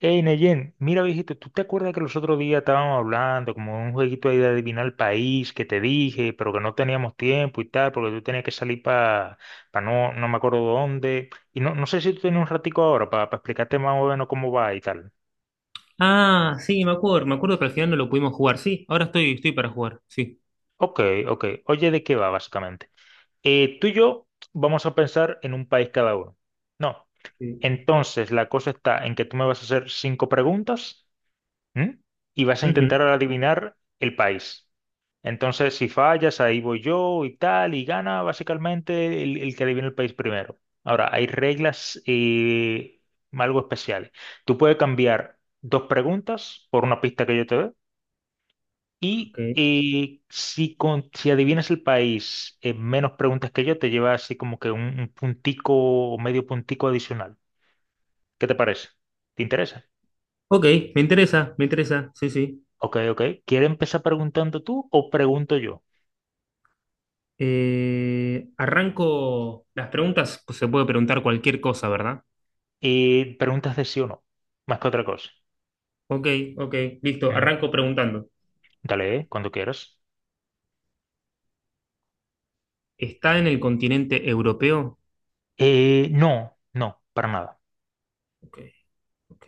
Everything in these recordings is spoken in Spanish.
Hey, Neyen, mira, viejito, ¿tú te acuerdas que los otros días estábamos hablando como de un jueguito ahí de adivinar el país que te dije, pero que no teníamos tiempo y tal, porque tú tenías que salir para no me acuerdo dónde? Y no sé si tú tienes un ratico ahora para explicarte más o menos cómo va y tal. Ah, sí, me acuerdo, pero al final no lo pudimos jugar. Sí, ahora estoy para jugar, sí. Ok, ok. Oye, ¿de qué va básicamente? Tú y yo vamos a pensar en un país cada uno. No. Sí. Entonces, la cosa está en que tú me vas a hacer cinco preguntas, ¿m? Y vas a Ujú, intentar adivinar el país. Entonces, si fallas, ahí voy yo y tal, y gana básicamente el que adivina el país primero. Ahora, hay reglas algo especiales. Tú puedes cambiar dos preguntas por una pista que yo te dé, y ok. Si adivinas el país en menos preguntas que yo, te lleva así como que un puntico o medio puntico adicional. ¿Qué te parece? ¿Te interesa? Ok, me interesa, sí, sí. Ok, ok. ¿Quieres empezar preguntando tú o pregunto yo? Arranco las preguntas, pues se puede preguntar cualquier cosa, ¿verdad? Preguntas de sí o no, más que otra cosa. Ok, ok, listo, Ujú. arranco preguntando. Dale, cuando quieras. ¿Está en el continente europeo? No, no, para nada, Ok, ok.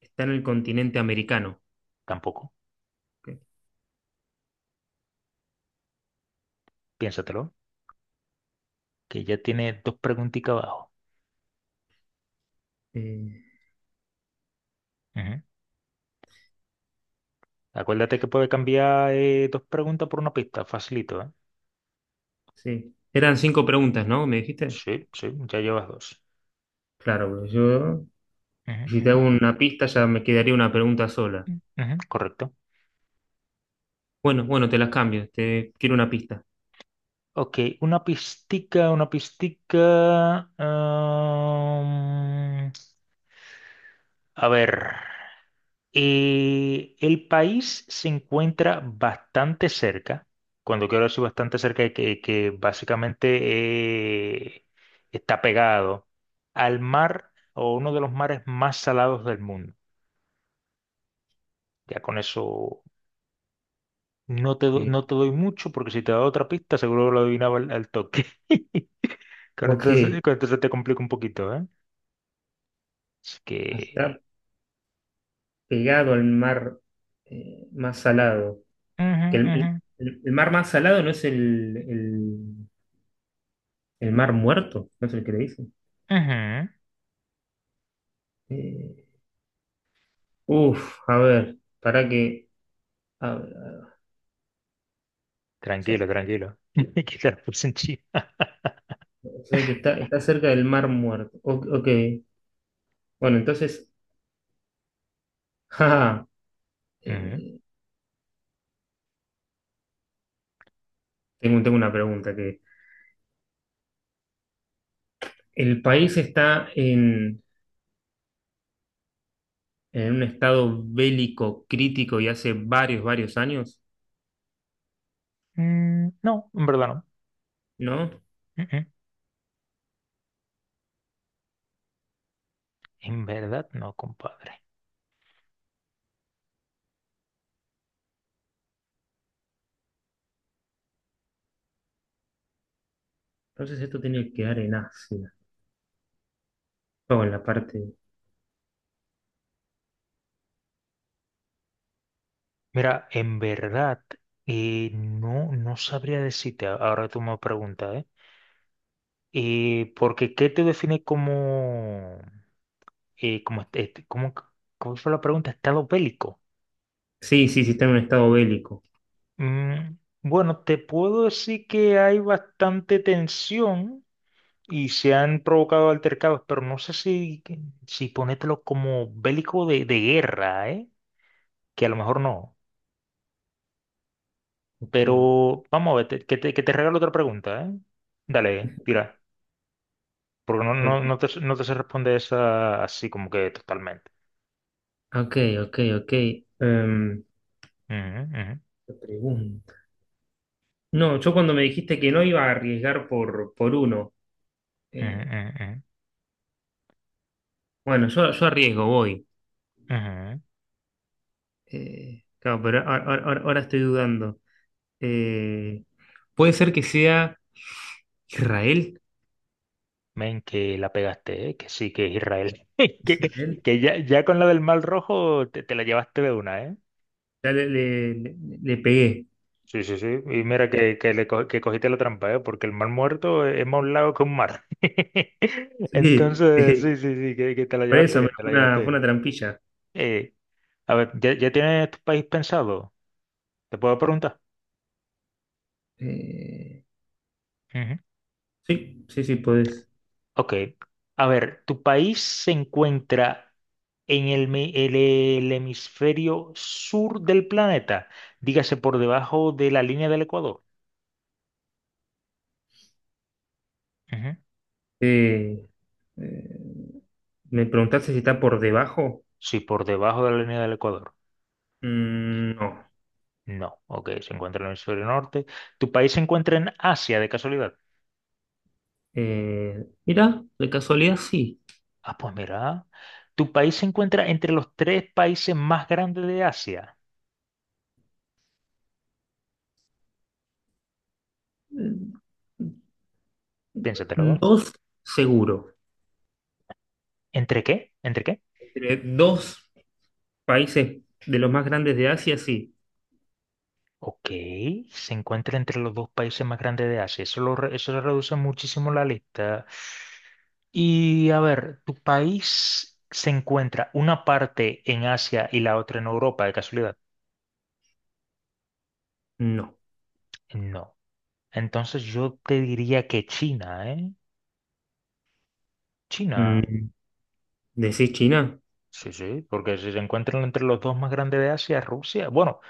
¿Está en el continente americano? tampoco. Ok, Piénsatelo, que ya tiene dos preguntitas abajo. eh, Ujú. Acuérdate que puede cambiar dos preguntas por una pista, facilito, ¿eh? sí. Eran cinco preguntas, ¿no? ¿Me dijiste? Sí, sí, ya llevas dos. Claro, pues yo, Ujú, si te ujú, hago una pista ya me quedaría una pregunta sola. ujú, ujú. Correcto. Bueno, bueno, te las cambio. Te quiero una pista. Ok, una pistica, una pistica. A ver. El país se encuentra bastante cerca, cuando quiero decir bastante cerca, es que básicamente eh, está pegado al mar o uno de los mares más salados del mundo. Ya con eso no te, Eh, no te doy mucho, porque si te doy otra pista, seguro lo adivinaba al, al toque. Ok, con esto se te complica un poquito, ¿eh? Así a que... estar pegado al mar más salado. ujú, Que ujú, mar más salado no es el mar muerto, no es el que le dicen. ujú. Eh, Uf, a ver, para que. A ver, a ver, o sea, Tranquilo, tranquilo. Que te la puse en China. o sea que está, está cerca del mar muerto. O- ok, bueno, entonces. Jaja, eh, tengo, tengo una pregunta que. El país está en un estado bélico crítico y hace varios, varios años, Mm, no, en verdad no. ¿no? Mm, mm. En verdad no, compadre. Entonces esto tiene que quedar en Asia, o en la parte... Mira, en verdad no, no sabría decirte, ahora tú me preguntas, ¿eh? Porque ¿qué te define como, como, como, ¿cómo fue la pregunta? Estado bélico. Sí, sí, sí, está en un estado bélico. Mm, bueno, te puedo decir que hay bastante tensión y se han provocado altercados, pero no sé si, si ponértelo como bélico de guerra, ¿eh? Que a lo mejor no. Ok, Pero vamos a ver, que te regalo otra pregunta, ¿eh? Dale, tira. Porque no, ok, no, no te, no te sé responder esa así como que totalmente. ok, ok, ok. Em, Ujú, ujú, Te pregunto. No, yo cuando me dijiste que no iba a arriesgar por uno, ujú, eh, ujú, bueno, yo arriesgo, voy. ujú. Claro, pero ahora, ahora estoy dudando. Eh, Puede ser que sea Israel. Men, que la pegaste, ¿eh? Que sí, que es Israel. ¿Es Que, Israel? que ya, ya con la del mal rojo te, te la llevaste de una, ¿eh? Ya le pegué. Sí, sí, sí. Y mira que cogiste la trampa, ¿eh? Porque el mar muerto es más un lago que un mar. Sí, Entonces, sí, sí. sí, sí, que te la Por llevaste eso me- bien, te la llevaste fue una bien. trampilla. Eh, a ver, ¿ya, ya tienes tu país pensado? ¿Te puedo preguntar? Eh, Ujú. sí, sí, sí, podés. Ok. A ver, ¿tu país se encuentra en el hemisferio sur del planeta? Dígase, por debajo de la línea del Ecuador. Ujú. Eh, eh, ¿Me preguntaste si está por debajo? Sí, por debajo de la línea del Ecuador. Mm, no. No, ok, se encuentra en el hemisferio norte. ¿Tu país se encuentra en Asia de casualidad? Mira, de casualidad sí. Ah, pues mira, ¿tu país se encuentra entre los tres países más grandes de Asia? Eh, Piénsatelo. Dos, seguro. ¿Entre qué? ¿Entre qué? Entre dos países de los más grandes de Asia, sí. Ok, se encuentra entre los dos países más grandes de Asia. Eso, eso reduce muchísimo la lista. Y a ver, ¿tu país se encuentra una parte en Asia y la otra en Europa, de casualidad? No. No. Entonces yo te diría que China, ¿eh? China. Mm, ¿decís China? Sí, sí, porque si se encuentran entre los dos más grandes de Asia, Rusia. Bueno,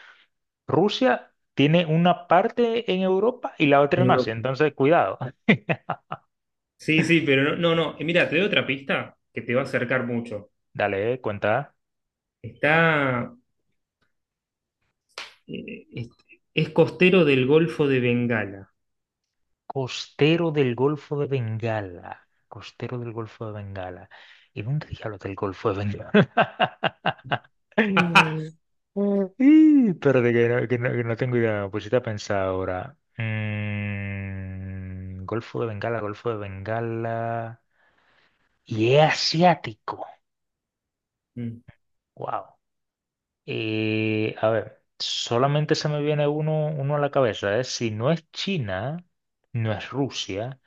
Rusia tiene una parte en Europa y la otra En en Asia, Europa. entonces cuidado. Sí, sí, pero no, no, no. Mira, te doy otra pista que te va a acercar mucho. Dale, cuenta. Está, eh, es, es costero del Golfo de Bengala. Costero del Golfo de Bengala. Costero del Golfo de Bengala. ¿Y dónde diablos del Golfo de Bengala? Mm. Ih, espérate, que no, que no tengo idea. Pues si a pensado ahora. Mm, Golfo de Bengala, Golfo de Bengala. Y es asiático. Wow. A ver, solamente se me viene uno, uno a la cabeza, ¿eh? Si no es China, no es Rusia.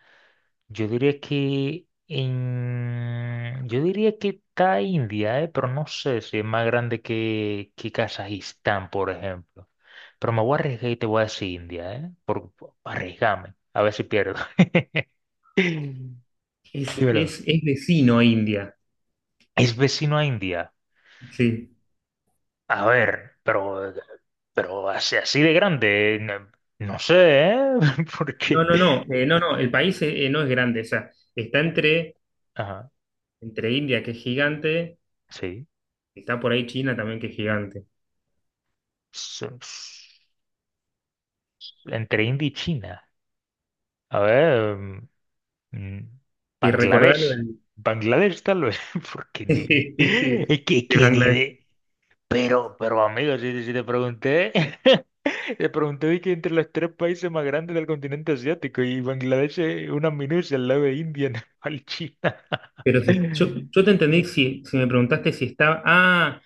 Yo diría que en... yo diría que está India, pero no sé si es más grande que Kazajistán, por ejemplo. Pero me voy a arriesgar y te voy a decir India, ¿eh? Arriesgame, a ver si pierdo. Dímelo. Es vecino a India. Es vecino a India. Sí. A ver, pero así, así de grande, no, no sé, ¿eh? No, Porque... no, no. No, no. El país no es grande. O sea, está entre, Ajá, entre India, que es gigante, sí. está por ahí China también, que es gigante. So- Entre India y China. A ver. Mm, Y recordá lo Bangladesh. del- Bangladesh tal vez, porque es que, de que ni Bangladesh. ve. Pero amigo, si, si te pregunté, te pregunté de que entre los tres países más grandes del continente asiático y Bangladesh es una minucia al lado de India, Nepal, China. Pero si- yo, yo te entendí si, si me preguntaste si estaba. Ah,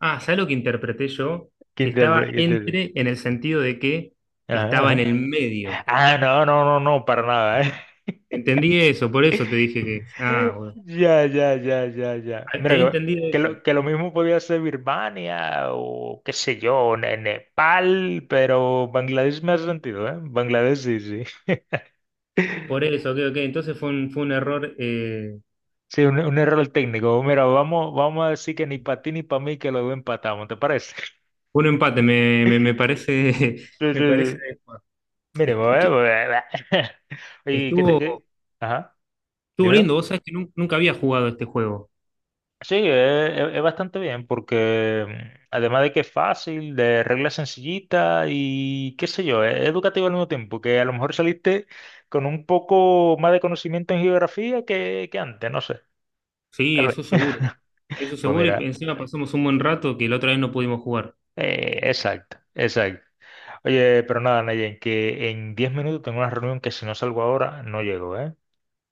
ah, ¿sabes lo que interpreté yo? Si estaba qué interpre-? entre, en el sentido de que Ajá, estaba en ajá. el medio. Ah, no, no, no, no, para nada, Entendí eso, por ¿eh? eso te dije que. Ah, bueno. Ya, ya, ya, ya, ya. Ah, te Mira, había entendido que eso. Que lo mismo podía ser Birmania o qué sé yo, Nepal, pero Bangladesh me ha sentido, ¿eh? Bangladesh sí, sí. Por eso, ok, ok. Entonces fue un error, Sí, un error técnico. Mira, vamos, vamos a decir que ni para ti ni para mí, que los dos empatamos, ¿te parece? fue un empate, me, me parece. Sí, sí, Me parece sí. adecuado. Est- Mínimo, est- ¿eh? Oye, ¿qué te, Estuvo, qué? Ajá, estuvo dímelo. lindo, vos sabés que nun- nunca había jugado este juego. Sí, es, es bastante bien porque mm, además de que es fácil, de reglas sencillitas y qué sé yo, es educativo al mismo tiempo, que a lo mejor saliste con un poco más de conocimiento en geografía que antes, no sé, Sí, tal vez. eso seguro. Eso Pues seguro, y mira, encima pasamos un buen rato que la otra vez no pudimos jugar. Exacto, exacto. Oye, pero nada, Nayen, que en 10 minutos tengo una reunión que si no salgo ahora, no llego, ¿eh?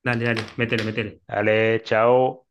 Dale, dale, métele, métele. Dale, chao.